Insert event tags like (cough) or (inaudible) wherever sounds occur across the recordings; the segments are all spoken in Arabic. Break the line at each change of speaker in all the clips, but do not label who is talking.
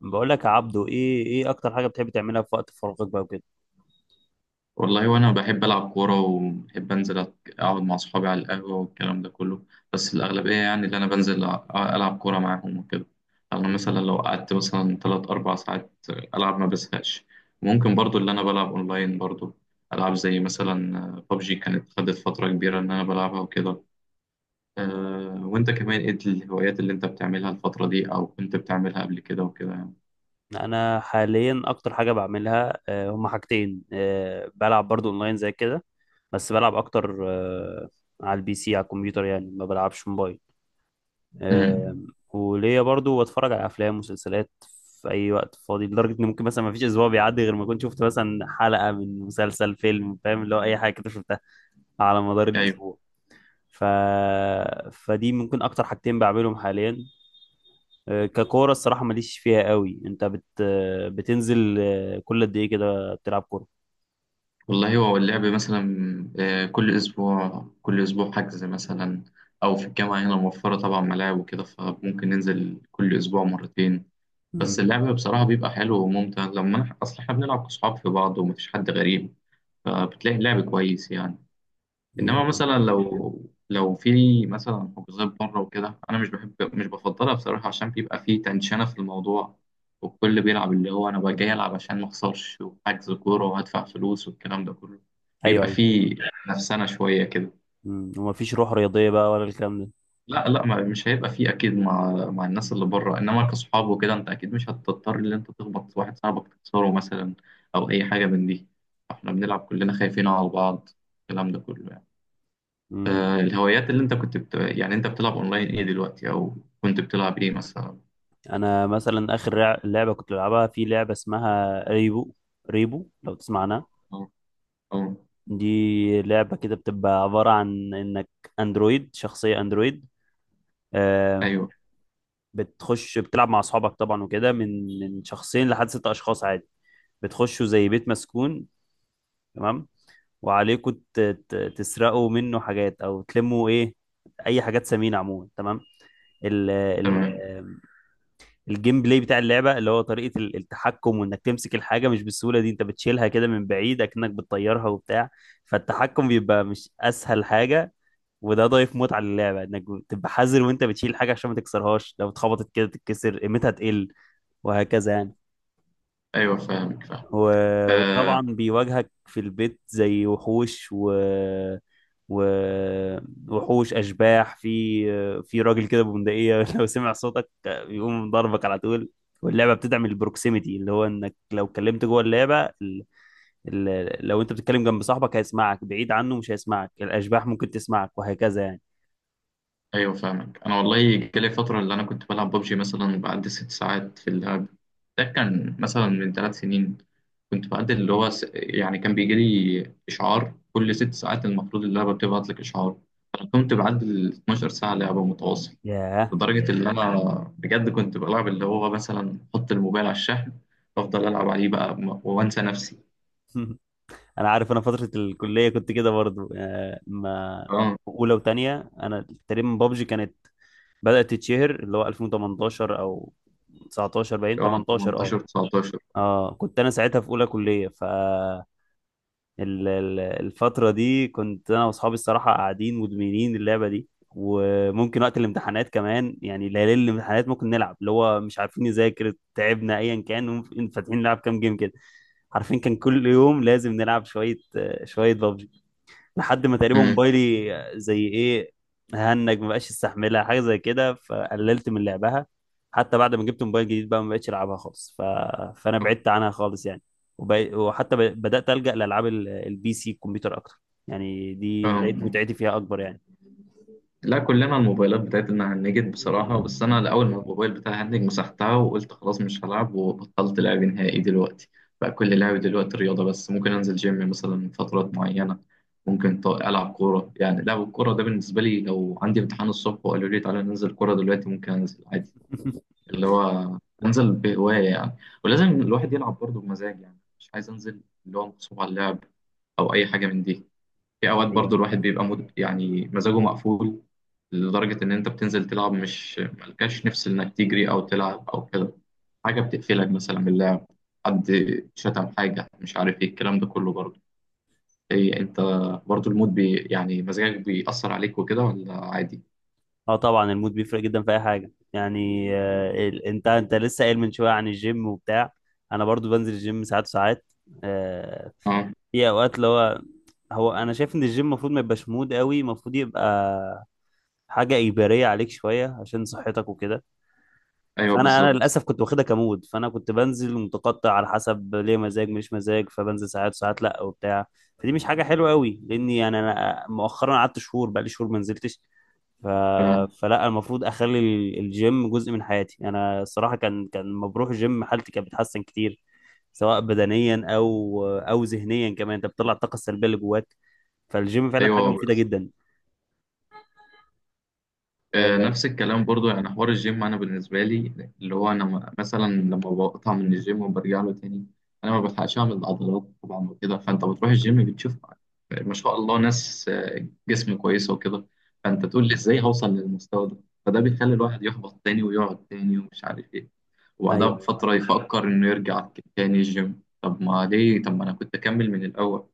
بقول لك يا عبدو، ايه اكتر حاجه بتحب تعملها في وقت فراغك بقى وكده؟
والله وانا بحب العب كوره وبحب انزل اقعد مع اصحابي على القهوه والكلام ده كله. بس الاغلبيه يعني اللي انا بنزل العب كوره معاهم وكده. انا
مم.
مثلا لو قعدت مثلا 3 4 ساعات العب ما بزهقش. ممكن برضو اللي انا بلعب اونلاين برضو العاب زي مثلا ببجي كانت خدت فتره كبيره ان انا بلعبها وكده. أه وانت كمان ايه الهوايات اللي انت بتعملها الفتره دي او كنت بتعملها قبل كده وكده يعني؟
انا حاليا اكتر حاجه بعملها هما حاجتين. بلعب برضو اونلاين زي كده، بس بلعب اكتر. على البي سي، على الكمبيوتر يعني، ما بلعبش موبايل. آه،
امم.
وليا برضو بتفرج على افلام ومسلسلات في اي وقت فاضي، لدرجه ان ممكن مثلا ما فيش اسبوع بيعدي غير ما اكون شفت مثلا حلقه من مسلسل، فيلم، فاهم؟ اللي هو اي حاجه كده شفتها على مدار الاسبوع. ف... فدي ممكن اكتر حاجتين بعملهم حاليا. ككورة، الصراحة ماليش فيها قوي. انت بت آه، بتنزل، كل قد ايه كده بتلعب كورة؟
والله هو اللعب مثلا، كل أسبوع كل أسبوع حجز مثلا، أو في الجامعة هنا موفرة طبعا ملاعب وكده فممكن ننزل كل أسبوع مرتين. بس
مم.
اللعب بصراحة بيبقى حلو وممتع لما أصل إحنا بنلعب كصحاب في بعض ومفيش حد غريب، فبتلاقي اللعب كويس يعني. انما
جميل.
مثلا لو لو في مثلا حجوزات بره وكده انا مش بحب، مش بفضلها بصراحه، عشان بيبقى في تنشنه في الموضوع، والكل بيلعب اللي هو انا بقى جاي العب عشان ما اخسرش وحجز كوره وهدفع فلوس والكلام ده كله،
ايوه
بيبقى
ايوه.
في نفسنا شويه كده.
مم. ومفيش روح رياضية بقى ولا الكلام ده؟
لا لا، ما مش هيبقى في اكيد مع الناس اللي بره، انما كصحاب وكده انت اكيد مش هتضطر ان انت تخبط واحد صاحبك تكسره مثلا او اي حاجه من دي. احنا بنلعب كلنا خايفين على بعض، الكلام ده كله يعني.
مم.
الهوايات اللي انت كنت يعني انت بتلعب اونلاين ايه دلوقتي او كنت بتلعب ايه مثلا؟
انا مثلا اخر لعبة كنت بلعبها في لعبة اسمها ريبو. ريبو، لو تسمع عنها.
او او
دي لعبة كده بتبقى عبارة عن انك شخصية اندرويد. آه،
ايوه
بتخش بتلعب مع اصحابك طبعا وكده، من شخصين لحد ست اشخاص عادي. بتخشوا زي بيت مسكون، تمام، وعليكم تسرقوا منه حاجات او تلموا ايه، اي حاجات ثمينه عموما، تمام. ال ال
تمام.
الجيم بلاي بتاع اللعبه، اللي هو طريقه التحكم، وانك تمسك الحاجه مش بالسهوله دي، انت بتشيلها كده من بعيد، اكنك بتطيرها وبتاع. فالتحكم بيبقى مش اسهل حاجه، وده ضايف متعه للعبه، انك تبقى حذر وانت بتشيل حاجه عشان ما تكسرهاش، لو اتخبطت كده تتكسر، قيمتها تقل، وهكذا يعني.
ايوه فاهمك فاهم.
وطبعا
آه،
بيواجهك في البيت زي وحوش و... وحوش، اشباح، في راجل كده ببندقيه (laughs) لو سمع صوتك بيقوم ضربك على طول. واللعبه بتدعم البروكسيميتي، اللي هو انك لو كلمت جوه اللعبه، لو انت بتتكلم جنب صاحبك هيسمعك، بعيد عنه مش هيسمعك، الاشباح ممكن تسمعك، وهكذا يعني.
ايوه فاهمك. انا والله جالي فتره اللي انا كنت بلعب ببجي مثلا بعد 6 ساعات في اللعب، ده كان مثلا من 3 سنين. كنت بعد اللي هو يعني كان بيجي لي اشعار كل 6 ساعات، المفروض اللعبه بتبعت لك اشعار. انا كنت بعد ال 12 ساعه لعبه متواصل،
ياه.
لدرجة اللي أنا بجد كنت بلعب اللي هو مثلا أحط الموبايل على الشحن وأفضل ألعب عليه بقى وأنسى نفسي.
(laughs) انا عارف، انا فتره الكليه كنت كده برضو. آه، ما
أه.
اولى وتانية انا تقريبا، بابجي كانت بدأت تتشهر اللي هو 2018 او 19، باين
أه،
18. اه
18 19.
اه كنت انا ساعتها في اولى كلية، الفترة دي كنت انا واصحابي الصراحة قاعدين مدمنين اللعبة دي. وممكن وقت الامتحانات كمان، يعني ليالي الامتحانات ممكن نلعب، اللي هو مش عارفين نذاكر، تعبنا، ايا كان، وممكن فاتحين نلعب كام جيم كده. عارفين كان كل يوم لازم نلعب شوية شوية، لحد ما تقريبا
امم.
موبايلي زي ايه، هنج، ما بقاش يستحملها، حاجه زي كده، فقللت من لعبها. حتى بعد ما جبت موبايل جديد بقى، ما بقتش العبها خالص. فانا بعدت عنها خالص يعني. وحتى بدات الجا لالعاب البي سي، الكمبيوتر اكتر، يعني دي لقيت
أه.
متعتي فيها اكبر يعني.
لا، كلنا الموبايلات بتاعتنا هنجت بصراحة، بس أنا لأول ما الموبايل بتاعي هنج مسحتها وقلت خلاص مش هلعب، وبطلت لعب نهائي دلوقتي. بقى كل لعبي دلوقتي رياضة، بس ممكن أنزل جيم مثلا فترات معينة. ممكن ألعب كورة، يعني لعب الكورة ده بالنسبة لي لو عندي امتحان الصبح وقالوا لي تعالى ننزل كورة دلوقتي، ممكن أنزل عادي.
(laughs)
اللي هو انزل بهواية يعني. ولازم الواحد يلعب برضه بمزاج، يعني مش عايز انزل اللي هو مغصوب على اللعب او اي حاجة من دي. في اوقات
ايوه،
برضه
أيوة،
الواحد
فاهم.
بيبقى يعني مزاجه مقفول، لدرجة ان انت بتنزل تلعب مش ملكاش نفس انك تجري او تلعب او كده. حاجة بتقفلك مثلا من اللعب، حد شتم، حاجة مش عارف ايه، الكلام ده كله برضه. ايه انت، برضه المود يعني مزاجك بيأثر عليك وكده ولا عادي؟
اه طبعا، المود بيفرق جدا في اي حاجه يعني. انت لسه قايل من شويه عن الجيم وبتاع، انا برضو بنزل الجيم ساعات وساعات. آه،
اه.
في اوقات اللي هو، هو انا شايف ان الجيم المفروض ما يبقاش مود قوي، المفروض يبقى حاجه اجباريه عليك شويه عشان صحتك وكده.
ايوه
فانا
بالظبط.
للاسف كنت واخدها كمود، فانا كنت بنزل متقطع على حسب ليه مزاج مش مزاج، فبنزل ساعات ساعات لا وبتاع. فدي مش حاجه حلوه قوي، لاني يعني انا مؤخرا قعدت شهور، بقى لي شهور ما نزلتش. ف...
اه.
فلا، المفروض اخلي الجيم جزء من حياتي. انا الصراحه كان لما بروح الجيم حالتي كانت بتتحسن كتير، سواء بدنيا او ذهنيا كمان، انت بتطلع الطاقه السلبيه اللي جواك. فالجيم فعلا حاجه
ايوه.
مفيده جدا. آه،
نفس الكلام برضو. يعني حوار الجيم انا بالنسبه لي اللي هو انا مثلا لما بقطع من الجيم وبرجع له تاني، انا ما بلحقش اعمل العضلات طبعا وكده، فانت بتروح الجيم بتشوف ما شاء الله ناس جسم كويسه وكده، فانت تقول لي ازاي هوصل للمستوى ده؟ فده بيخلي الواحد يحبط تاني ويقعد تاني ومش عارف ايه، وبعدها
ايوه.
بفتره يفكر انه يرجع تاني الجيم، طب ما ليه، طب ما انا كنت اكمل من الاول.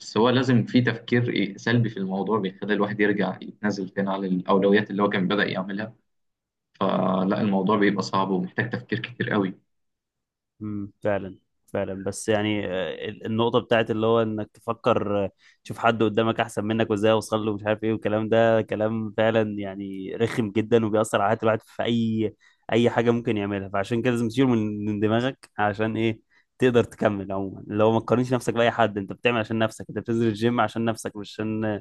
بس هو لازم في تفكير إيه سلبي في الموضوع بيخلي الواحد يرجع يتنازل تاني على الأولويات اللي هو كان بدأ يعملها. فلا، الموضوع بيبقى صعب ومحتاج تفكير كتير قوي.
فعلا، فعلا. بس يعني، النقطة بتاعت اللي هو انك تفكر، تشوف حد قدامك احسن منك، وازاي اوصل له، مش عارف ايه، والكلام ده، كلام فعلا يعني رخم جدا، وبيأثر على حياة الواحد في اي حاجة ممكن يعملها. فعشان كده لازم تشيله من دماغك، عشان ايه؟ تقدر تكمل عموما، اللي هو ما تقارنش نفسك بأي حد، انت بتعمل عشان نفسك، انت بتنزل الجيم عشان نفسك، مش عشان،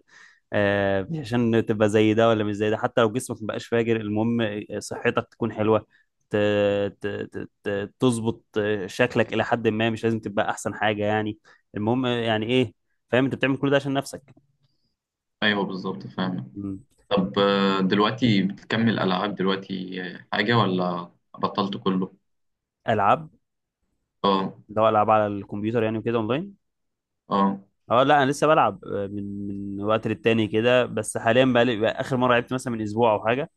عشان تبقى زي ده ولا مش زي ده. حتى لو جسمك مبقاش فاجر، المهم صحتك تكون حلوة، ت- تظبط شكلك إلى حد ما، مش لازم تبقى أحسن حاجة يعني، المهم يعني إيه، فاهم؟ أنت بتعمل كل ده عشان نفسك.
ايوه بالظبط فاهم.
مم.
طب دلوقتي بتكمل العاب دلوقتي، حاجه، ولا بطلت كله؟
ألعاب؟
اه.
ده ألعاب على الكمبيوتر يعني وكده أونلاين؟
اه.
أه لا، أنا لسه بلعب. من وقت للتاني كده، بس حاليا بقى، بقى آخر مرة لعبت مثلا من أسبوع أو حاجة.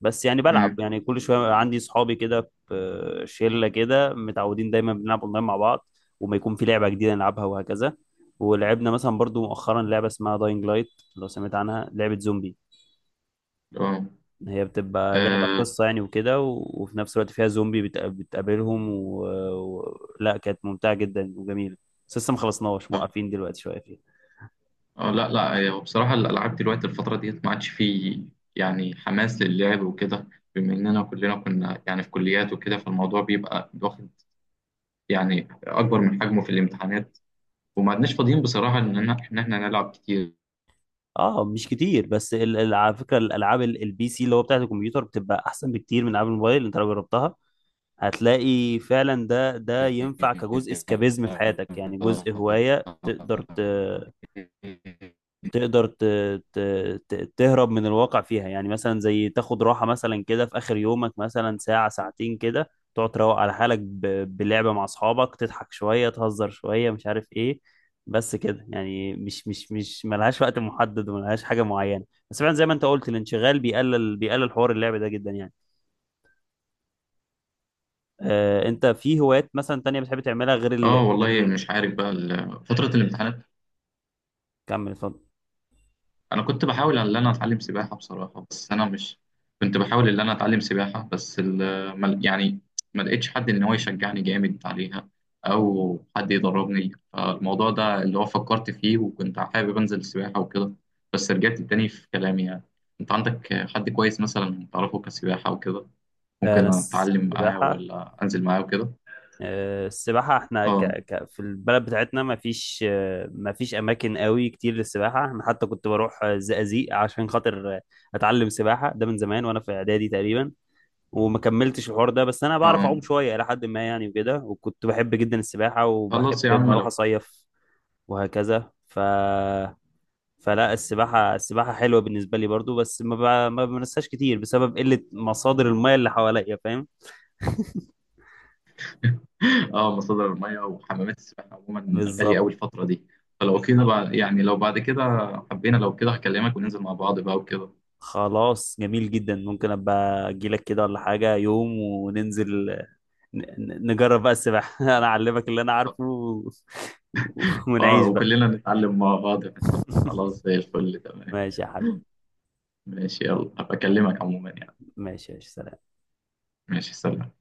بس يعني بلعب
امم.
يعني كل شويه، عندي صحابي كده في شله كده متعودين دايما بنلعب اونلاين مع بعض، وما يكون في لعبه جديده نلعبها وهكذا. ولعبنا مثلا برضو مؤخرا لعبه اسمها داينج لايت، لو سمعت عنها، لعبه زومبي.
اه.
هي بتبقى لعبه
آه،
قصه يعني وكده، وفي نفس الوقت فيها زومبي بتقابلهم لا، كانت ممتعه جدا وجميله. بس لسه ما خلصناش،
آه،
موقفين دلوقتي شويه فيها.
لا لا. هو بصراحه الالعاب دلوقتي الفتره ديت ما عادش فيه يعني حماس للعب وكده. بما اننا كلنا كنا يعني في كليات وكده، فالموضوع بيبقى واخد يعني اكبر من حجمه في الامتحانات، وما عدناش فاضيين بصراحه ان احنا نلعب كتير.
اه مش كتير، بس على فكره، الالعاب البي سي، اللي هو بتاعت الكمبيوتر، بتبقى احسن بكتير من العاب الموبايل. انت لو جربتها هتلاقي فعلا، ده ينفع كجزء اسكابيزم في حياتك يعني، جزء هواية، تقدر ت... تهرب من الواقع فيها يعني. مثلا زي تاخد راحة مثلا كده في آخر يومك، مثلا ساعة ساعتين كده، تقعد تروق على حالك بلعبة مع أصحابك، تضحك شوية، تهزر شوية، مش عارف إيه. بس كده يعني، مش ملهاش وقت محدد وملهاش حاجة معينة. بس فعلا زي ما أنت قلت، الانشغال بيقلل حوار اللعب ده جدا يعني. انت في هوايات مثلا تانية بتحب تعملها غير
اه
غير
والله مش عارف بقى، فترة الامتحانات
كمل، اتفضل.
انا كنت بحاول ان انا اتعلم سباحة بصراحة، بس انا مش، كنت بحاول ان انا اتعلم سباحة، بس يعني ما لقيتش حد ان هو يشجعني جامد عليها او حد يدربني، فالموضوع ده اللي هو فكرت فيه وكنت حابب انزل سباحة وكده، بس رجعت تاني في كلامي يعني. انت عندك حد كويس مثلا تعرفه كسباحة وكده
انا
ممكن اتعلم معاه
السباحة،
ولا انزل معاه وكده؟
السباحة،
اه.
في البلد بتاعتنا ما فيش، ما فيش اماكن قوي كتير للسباحة. انا حتى كنت بروح الزقازيق عشان خاطر اتعلم سباحة، ده من زمان وانا في اعدادي تقريبا، وما كملتش الحوار ده. بس انا بعرف
اه.
اعوم شوية الى حد ما يعني وكده، وكنت بحب جدا السباحة،
خلاص يا
وبحب اما
عم
اروح
لو.
اصيف وهكذا. فلا، السباحة حلوة بالنسبة لي برضو، بس ما بمارسهاش كتير بسبب قلة مصادر المياه اللي حواليا، فاهم؟ (laughs)
اه، مصادر الميه وحمامات السباحه عموما غاليه
بالظبط.
قوي الفتره دي. فلو كده بقى، يعني لو بعد كده حبينا لو كده هكلمك وننزل مع بعض بقى وكده.
خلاص، جميل جدا. ممكن ابقى اجيلك كده ولا حاجة يوم وننزل نجرب بقى السباحة (laughs) انا اعلمك اللي انا عارفه (laughs)
اه،
ونعيش بقى.
وكلنا نتعلم مع بعض مثلا، خلاص
(laughs)
زي الفل تمام.
ماشي يا حبيبي.
ماشي. يلا، هبقى اكلمك عموما يعني.
ماشي، ماشي، سلام.
ماشي سلام.